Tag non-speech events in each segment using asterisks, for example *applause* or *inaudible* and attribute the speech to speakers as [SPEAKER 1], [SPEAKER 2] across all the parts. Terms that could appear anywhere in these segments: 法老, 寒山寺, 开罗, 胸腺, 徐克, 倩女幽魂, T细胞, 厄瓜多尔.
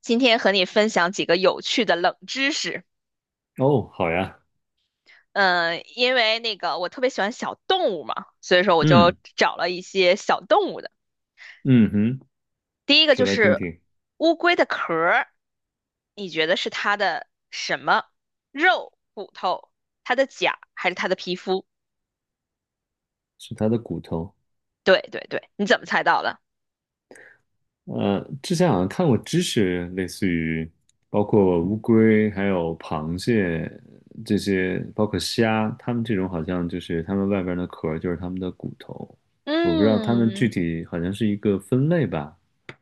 [SPEAKER 1] 今天和你分享几个有趣的冷知识。
[SPEAKER 2] 哦，好呀，
[SPEAKER 1] 嗯，因为那个我特别喜欢小动物嘛，所以说我就
[SPEAKER 2] 嗯。
[SPEAKER 1] 找了一些小动物的。
[SPEAKER 2] 嗯哼。
[SPEAKER 1] 第一个
[SPEAKER 2] 说
[SPEAKER 1] 就
[SPEAKER 2] 来听
[SPEAKER 1] 是
[SPEAKER 2] 听。
[SPEAKER 1] 乌龟的壳儿，你觉得是它的什么？肉、骨头、它的甲还是它的皮肤？
[SPEAKER 2] 是它的骨头。
[SPEAKER 1] 对对对，你怎么猜到的？
[SPEAKER 2] 之前好像看过知识，类似于包括乌龟、还有螃蟹这些，包括虾，它们这种好像就是它们外边的壳就是它们的骨头。我不知道它们具
[SPEAKER 1] 嗯，
[SPEAKER 2] 体好像是一个分类吧。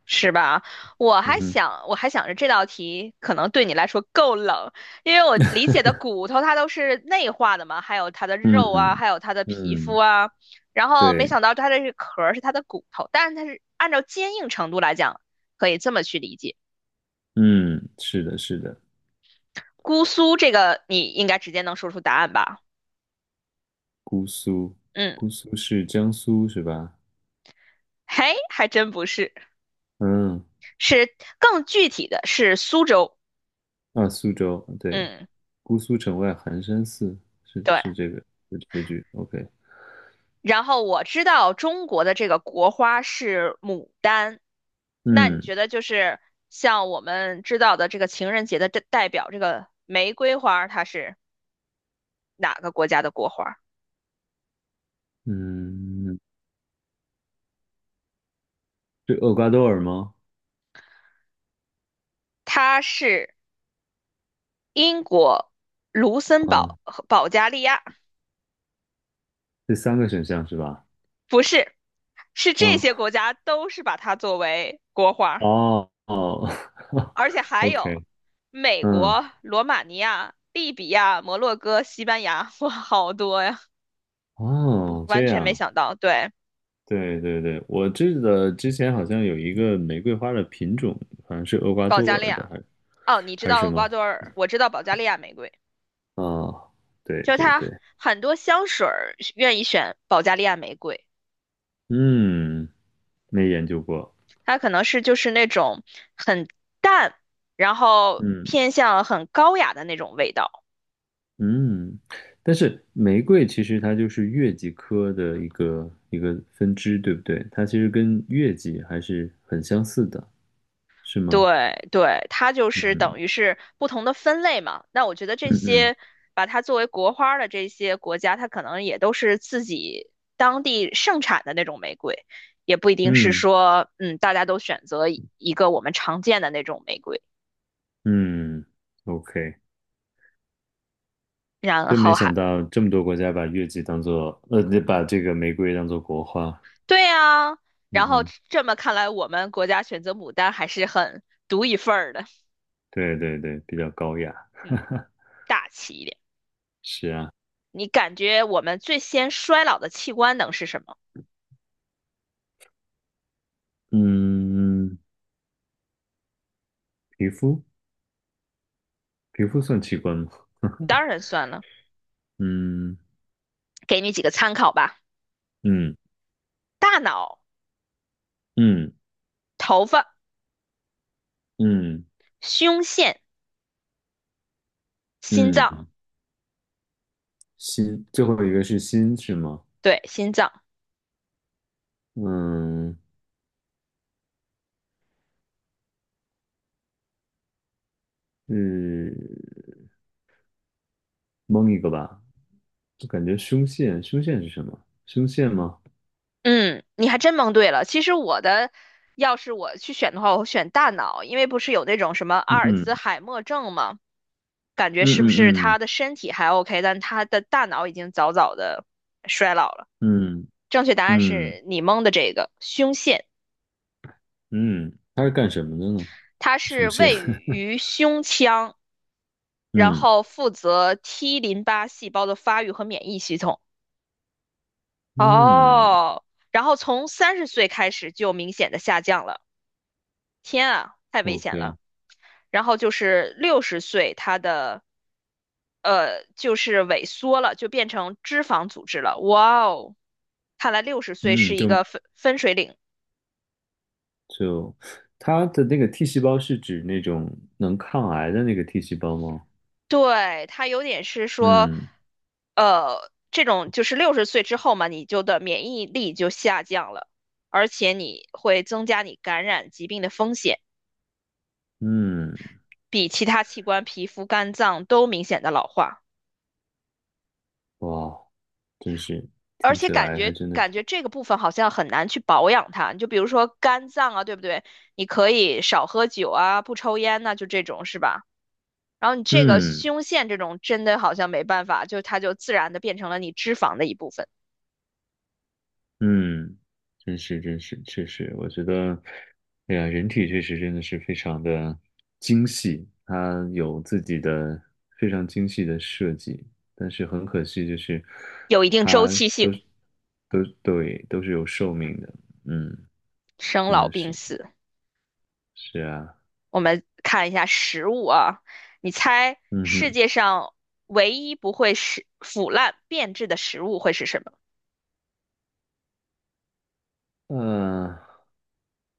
[SPEAKER 1] 是吧？我
[SPEAKER 2] 嗯
[SPEAKER 1] 还
[SPEAKER 2] 哼。
[SPEAKER 1] 想，我还想着这道题可能对你来说够冷，因为我理解的骨头它都是内化的嘛，还有它的肉啊，
[SPEAKER 2] 嗯。
[SPEAKER 1] 还有它的皮肤
[SPEAKER 2] 嗯，
[SPEAKER 1] 啊，然后没
[SPEAKER 2] 对。
[SPEAKER 1] 想到它这个壳儿是它的骨头，但是它是按照坚硬程度来讲，可以这么去理解。
[SPEAKER 2] 嗯，是的，是的。
[SPEAKER 1] 姑苏这个你应该直接能说出答案吧？
[SPEAKER 2] 姑苏，
[SPEAKER 1] 嗯，
[SPEAKER 2] 姑苏是江苏是吧？
[SPEAKER 1] 嘿，还真不是，
[SPEAKER 2] 嗯。
[SPEAKER 1] 是更具体的是苏州。
[SPEAKER 2] 啊，苏州，对。
[SPEAKER 1] 嗯，
[SPEAKER 2] 姑苏城外寒山寺，是
[SPEAKER 1] 对。
[SPEAKER 2] 是这个，是这句，OK。
[SPEAKER 1] 然后我知道中国的这个国花是牡丹，那你
[SPEAKER 2] 嗯
[SPEAKER 1] 觉得就是像我们知道的这个情人节的代表这个玫瑰花，它是哪个国家的国花？
[SPEAKER 2] 嗯。是厄瓜多尔吗？
[SPEAKER 1] 它是英国、卢森堡
[SPEAKER 2] 啊，
[SPEAKER 1] 和保加利亚，
[SPEAKER 2] 这三个选项是吧？
[SPEAKER 1] 不是，是这
[SPEAKER 2] 嗯。
[SPEAKER 1] 些国家都是把它作为国花，
[SPEAKER 2] 哦哦。 *laughs*
[SPEAKER 1] 而且还有
[SPEAKER 2] ，OK。
[SPEAKER 1] 美
[SPEAKER 2] 嗯。
[SPEAKER 1] 国、罗马尼亚、利比亚、摩洛哥、西班牙，哇，好多呀，
[SPEAKER 2] 哦，这
[SPEAKER 1] 完全没
[SPEAKER 2] 样。
[SPEAKER 1] 想到，对。
[SPEAKER 2] 对对对，我记得之前好像有一个玫瑰花的品种，好像是厄瓜
[SPEAKER 1] 保
[SPEAKER 2] 多
[SPEAKER 1] 加利
[SPEAKER 2] 尔的，
[SPEAKER 1] 亚，
[SPEAKER 2] 还是
[SPEAKER 1] 哦，你知
[SPEAKER 2] 还是
[SPEAKER 1] 道
[SPEAKER 2] 什
[SPEAKER 1] 厄瓜
[SPEAKER 2] 么？
[SPEAKER 1] 多尔，我知道保加利亚玫瑰，
[SPEAKER 2] 啊，对
[SPEAKER 1] 就是
[SPEAKER 2] 对
[SPEAKER 1] 它
[SPEAKER 2] 对。
[SPEAKER 1] 很多香水儿愿意选保加利亚玫瑰，
[SPEAKER 2] 嗯，没研究过。
[SPEAKER 1] 它可能是就是那种很淡，然后
[SPEAKER 2] 嗯。
[SPEAKER 1] 偏向很高雅的那种味道。
[SPEAKER 2] 嗯，但是玫瑰其实它就是月季科的一个分支，对不对？它其实跟月季还是很相似的，是吗？
[SPEAKER 1] 对对，它就是
[SPEAKER 2] 嗯。
[SPEAKER 1] 等于是不同的分类嘛。那我觉得这
[SPEAKER 2] 嗯，嗯
[SPEAKER 1] 些把它作为国花儿的这些国家，它可能也都是自己当地盛产的那种玫瑰，也不一定是
[SPEAKER 2] 嗯
[SPEAKER 1] 说，嗯，大家都选择一个我们常见的那种玫瑰，
[SPEAKER 2] 嗯，OK。
[SPEAKER 1] 然
[SPEAKER 2] 真没
[SPEAKER 1] 后还
[SPEAKER 2] 想到这么多国家把这个玫瑰当做国花。
[SPEAKER 1] 对呀，
[SPEAKER 2] 嗯
[SPEAKER 1] 然后
[SPEAKER 2] 哼。
[SPEAKER 1] 这么看来，我们国家选择牡丹还是很独一份儿的，
[SPEAKER 2] 对对对，比较高雅。
[SPEAKER 1] 嗯，大气一点。
[SPEAKER 2] 是啊。
[SPEAKER 1] 你感觉我们最先衰老的器官能是什么？
[SPEAKER 2] 嗯。皮肤。皮肤算器官吗？*laughs*
[SPEAKER 1] 当然算了，
[SPEAKER 2] 嗯。
[SPEAKER 1] 给你几个参考吧。
[SPEAKER 2] 嗯。
[SPEAKER 1] 大脑、
[SPEAKER 2] 嗯
[SPEAKER 1] 头发、
[SPEAKER 2] 嗯
[SPEAKER 1] 胸腺、心脏，
[SPEAKER 2] 嗯。心，最后一个是心是吗？
[SPEAKER 1] 对，心脏。
[SPEAKER 2] 嗯，是蒙一个吧。就感觉胸腺，胸腺是什么？胸腺吗？
[SPEAKER 1] 嗯，你还真蒙对了。其实我的，要是我去选的话，我会选大脑，因为不是有那种什么阿尔
[SPEAKER 2] 嗯。
[SPEAKER 1] 兹海默症吗？感觉
[SPEAKER 2] 嗯
[SPEAKER 1] 是不是
[SPEAKER 2] 嗯
[SPEAKER 1] 他的身体还 OK,但他的大脑已经早早的衰老了。
[SPEAKER 2] 嗯
[SPEAKER 1] 正确答
[SPEAKER 2] 嗯
[SPEAKER 1] 案
[SPEAKER 2] 嗯
[SPEAKER 1] 是你蒙的这个胸腺，
[SPEAKER 2] 嗯，它是干什么的呢？
[SPEAKER 1] 它
[SPEAKER 2] 胸
[SPEAKER 1] 是
[SPEAKER 2] 腺。
[SPEAKER 1] 位
[SPEAKER 2] *laughs*
[SPEAKER 1] 于胸腔，然
[SPEAKER 2] 嗯
[SPEAKER 1] 后负责 T 淋巴细胞的发育和免疫系统。
[SPEAKER 2] 嗯
[SPEAKER 1] 哦，然后从30岁开始就明显的下降了，天啊，太危险了。
[SPEAKER 2] ，OK。
[SPEAKER 1] 然后就是六十岁，它的就是萎缩了，就变成脂肪组织了。哇哦，看来六十岁
[SPEAKER 2] 嗯，
[SPEAKER 1] 是一
[SPEAKER 2] 就
[SPEAKER 1] 个分水岭。
[SPEAKER 2] 就它的那个 T 细胞是指那种能抗癌的那个 T 细胞吗？
[SPEAKER 1] 对，它有点是说，
[SPEAKER 2] 嗯。
[SPEAKER 1] 这种就是六十岁之后嘛，你就的免疫力就下降了，而且你会增加你感染疾病的风险。
[SPEAKER 2] 嗯，
[SPEAKER 1] 比其他器官、皮肤、肝脏都明显的老化，
[SPEAKER 2] 哇，真是
[SPEAKER 1] 而
[SPEAKER 2] 听
[SPEAKER 1] 且
[SPEAKER 2] 起
[SPEAKER 1] 感
[SPEAKER 2] 来还
[SPEAKER 1] 觉
[SPEAKER 2] 真的是。
[SPEAKER 1] 感觉这个部分好像很难去保养它。你就比如说肝脏啊，对不对？你可以少喝酒啊，不抽烟呐、就这种是吧？然后你这个
[SPEAKER 2] 嗯
[SPEAKER 1] 胸腺这种真的好像没办法，就它就自然的变成了你脂肪的一部分，
[SPEAKER 2] 嗯。真是确实，我觉得，哎呀，人体确实真的是非常的精细，它有自己的非常精细的设计，但是很可惜，就是
[SPEAKER 1] 有一定周
[SPEAKER 2] 它
[SPEAKER 1] 期
[SPEAKER 2] 都
[SPEAKER 1] 性，
[SPEAKER 2] 是都是有寿命的。嗯。
[SPEAKER 1] 生
[SPEAKER 2] 真
[SPEAKER 1] 老
[SPEAKER 2] 的
[SPEAKER 1] 病
[SPEAKER 2] 是。
[SPEAKER 1] 死。
[SPEAKER 2] 是啊。
[SPEAKER 1] 我们看一下食物啊，你猜
[SPEAKER 2] 嗯
[SPEAKER 1] 世
[SPEAKER 2] 哼。
[SPEAKER 1] 界上唯一不会是腐烂变质的食物会是什么？
[SPEAKER 2] 呃，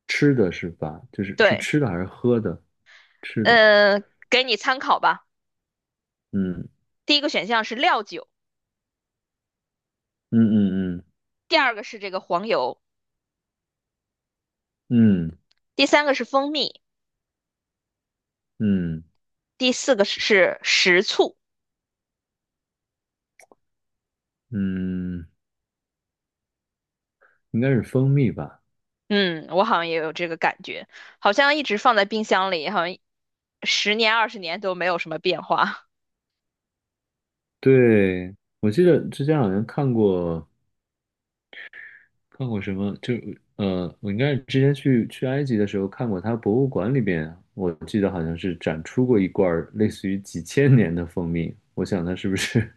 [SPEAKER 2] 吃的是吧？就是是
[SPEAKER 1] 对。
[SPEAKER 2] 吃的还是喝的？吃的。
[SPEAKER 1] 嗯，给你参考吧。
[SPEAKER 2] 嗯
[SPEAKER 1] 第一个选项是料酒，
[SPEAKER 2] 嗯嗯
[SPEAKER 1] 第二个是这个黄油，
[SPEAKER 2] 嗯
[SPEAKER 1] 第三个是蜂蜜，
[SPEAKER 2] 嗯嗯
[SPEAKER 1] 第四个是食醋。
[SPEAKER 2] 嗯。应该是蜂蜜吧。
[SPEAKER 1] 嗯，我好像也有这个感觉，好像一直放在冰箱里，好像十年20年都没有什么变化。
[SPEAKER 2] 对，我记得之前好像看过什么，就我应该是之前去埃及的时候看过它博物馆里边，我记得好像是展出过一罐儿类似于几千年的蜂蜜，我想它是不是，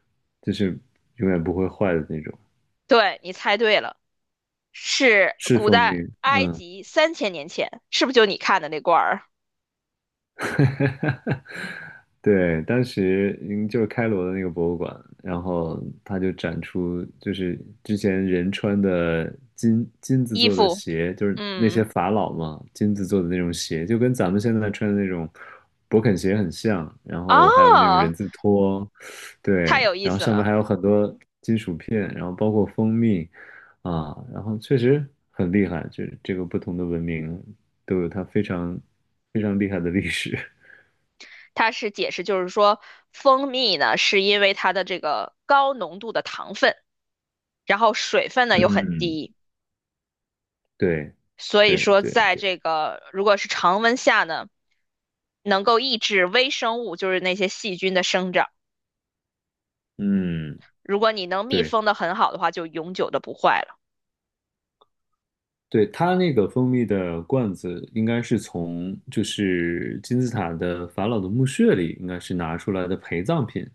[SPEAKER 2] *laughs* 就是永远不会坏的那种，
[SPEAKER 1] *laughs* 对，你猜对了，是
[SPEAKER 2] 是
[SPEAKER 1] 古
[SPEAKER 2] 蜂蜜。
[SPEAKER 1] 代埃
[SPEAKER 2] 嗯。
[SPEAKER 1] 及3000年前，是不是就你看的那罐儿
[SPEAKER 2] 对，当时就是开罗的那个博物馆，然后它就展出就是之前人穿的金子
[SPEAKER 1] 衣
[SPEAKER 2] 做的
[SPEAKER 1] 服？
[SPEAKER 2] 鞋，就是那
[SPEAKER 1] 嗯，
[SPEAKER 2] 些法老嘛，金子做的那种鞋，就跟咱们现在穿的那种勃肯鞋很像，然后还有那种
[SPEAKER 1] 哦，
[SPEAKER 2] 人字拖。
[SPEAKER 1] 太
[SPEAKER 2] 对，
[SPEAKER 1] 有意
[SPEAKER 2] 然后
[SPEAKER 1] 思
[SPEAKER 2] 上面
[SPEAKER 1] 了。
[SPEAKER 2] 还有很多金属片，然后包括蜂蜜啊，然后确实很厉害，就是这个不同的文明都有它非常非常厉害的历史。*laughs*
[SPEAKER 1] 它是解释就是说，蜂蜜呢是因为它的这个高浓度的糖分，然后水分呢又很
[SPEAKER 2] 嗯，
[SPEAKER 1] 低，
[SPEAKER 2] 对。
[SPEAKER 1] 所以
[SPEAKER 2] 对
[SPEAKER 1] 说
[SPEAKER 2] 对
[SPEAKER 1] 在
[SPEAKER 2] 对。
[SPEAKER 1] 这个如果是常温下呢，能够抑制微生物，就是那些细菌的生长。
[SPEAKER 2] 嗯。
[SPEAKER 1] 如果你能密
[SPEAKER 2] 对
[SPEAKER 1] 封的很好的话，就永久的不坏了。
[SPEAKER 2] 对，它那个蜂蜜的罐子应该是从就是金字塔的法老的墓穴里应该是拿出来的陪葬品，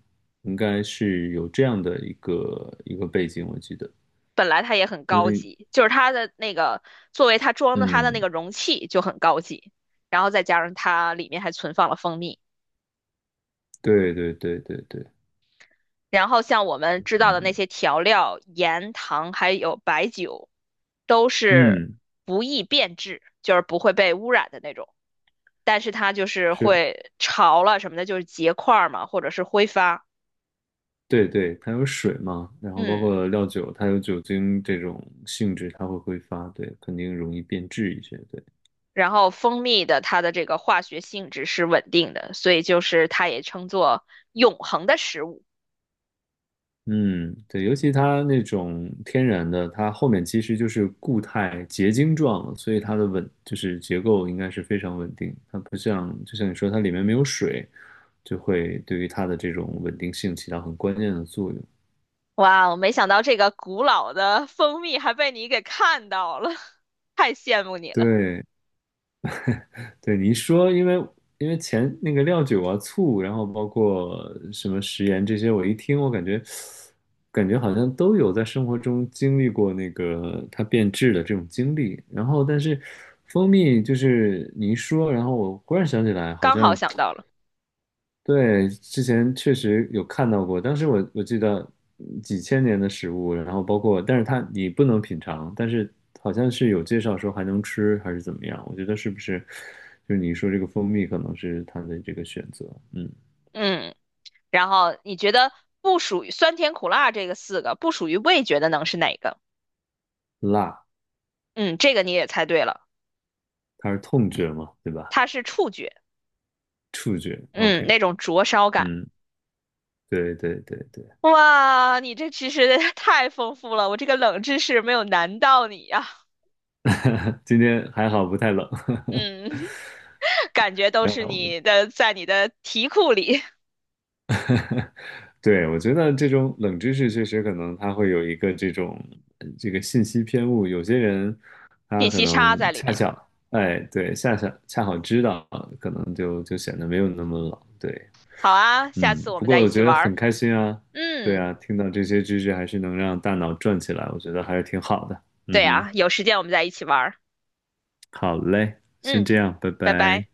[SPEAKER 2] 应该是有这样的一个背景，我记得。
[SPEAKER 1] 本来它也很
[SPEAKER 2] 相
[SPEAKER 1] 高
[SPEAKER 2] 当于。
[SPEAKER 1] 级，就是它的那个作为它装的它的那
[SPEAKER 2] 嗯。
[SPEAKER 1] 个容器就很高级，然后再加上它里面还存放了蜂蜜。
[SPEAKER 2] 对对对对对。
[SPEAKER 1] 然后像我们知道的那
[SPEAKER 2] 嗯。
[SPEAKER 1] 些调料、盐、糖还有白酒，都是
[SPEAKER 2] 嗯，
[SPEAKER 1] 不易变质，就是不会被污染的那种。但是它就是
[SPEAKER 2] 是。
[SPEAKER 1] 会潮了什么的，就是结块儿嘛，或者是挥发。
[SPEAKER 2] 对对，它有水嘛，然后包
[SPEAKER 1] 嗯，
[SPEAKER 2] 括料酒，它有酒精这种性质，它会挥发，对，肯定容易变质一些。对。
[SPEAKER 1] 然后蜂蜜的它的这个化学性质是稳定的，所以就是它也称作永恒的食物。
[SPEAKER 2] 嗯。对，尤其它那种天然的，它后面其实就是固态结晶状，所以它的稳就是结构应该是非常稳定。它不像就像你说，它里面没有水，就会对于它的这种稳定性起到很关键的作用。
[SPEAKER 1] 哇，我没想到这个古老的蜂蜜还被你给看到了，*laughs* 太羡慕你了，
[SPEAKER 2] 对，对你一说，因为前那个料酒啊、醋，然后包括什么食盐这些，我一听，我感觉好像都有在生活中经历过那个它变质的这种经历。然后，但是蜂蜜就是你一说，然后我忽然想起来，好
[SPEAKER 1] 刚好
[SPEAKER 2] 像
[SPEAKER 1] 想到了。
[SPEAKER 2] 对，之前确实有看到过，当时我记得几千年的食物，然后包括，但是它你不能品尝，但是好像是有介绍说还能吃还是怎么样，我觉得是不是就是你说这个蜂蜜可能是它的这个选择。嗯。
[SPEAKER 1] 嗯。然后你觉得不属于酸甜苦辣这个四个不属于味觉的能是哪个？
[SPEAKER 2] 辣。
[SPEAKER 1] 嗯，这个你也猜对了，
[SPEAKER 2] 它是痛觉嘛，对吧？
[SPEAKER 1] 它是触觉，
[SPEAKER 2] 触觉
[SPEAKER 1] 嗯，
[SPEAKER 2] ，OK。
[SPEAKER 1] 那种灼烧感。
[SPEAKER 2] 嗯。对对对对。
[SPEAKER 1] 哇，你这知识 *laughs* 太丰富了，我这个冷知识没有难到你呀、
[SPEAKER 2] *laughs* 今天还好不太冷。
[SPEAKER 1] 嗯，*laughs* 感觉
[SPEAKER 2] *laughs*
[SPEAKER 1] 都
[SPEAKER 2] 然
[SPEAKER 1] 是
[SPEAKER 2] 后
[SPEAKER 1] 你的在你的题库里
[SPEAKER 2] 对，我觉得这种冷知识确实可能它会有一个这种这个信息偏误，有些人他
[SPEAKER 1] 信
[SPEAKER 2] 可
[SPEAKER 1] 息差
[SPEAKER 2] 能
[SPEAKER 1] 在里
[SPEAKER 2] 恰
[SPEAKER 1] 面。
[SPEAKER 2] 巧，哎，对，恰巧恰好知道，可能就显得没有那么冷。对。
[SPEAKER 1] 好啊，下
[SPEAKER 2] 嗯，
[SPEAKER 1] 次我
[SPEAKER 2] 不
[SPEAKER 1] 们
[SPEAKER 2] 过
[SPEAKER 1] 再一
[SPEAKER 2] 我
[SPEAKER 1] 起
[SPEAKER 2] 觉得
[SPEAKER 1] 玩儿。
[SPEAKER 2] 很开心啊。对
[SPEAKER 1] 嗯，
[SPEAKER 2] 啊，听到这些知识还是能让大脑转起来，我觉得还是挺好的。嗯
[SPEAKER 1] 对
[SPEAKER 2] 哼。
[SPEAKER 1] 啊，有时间我们再一起玩儿。
[SPEAKER 2] 好嘞，先
[SPEAKER 1] 嗯，
[SPEAKER 2] 这样，拜
[SPEAKER 1] 拜拜。
[SPEAKER 2] 拜。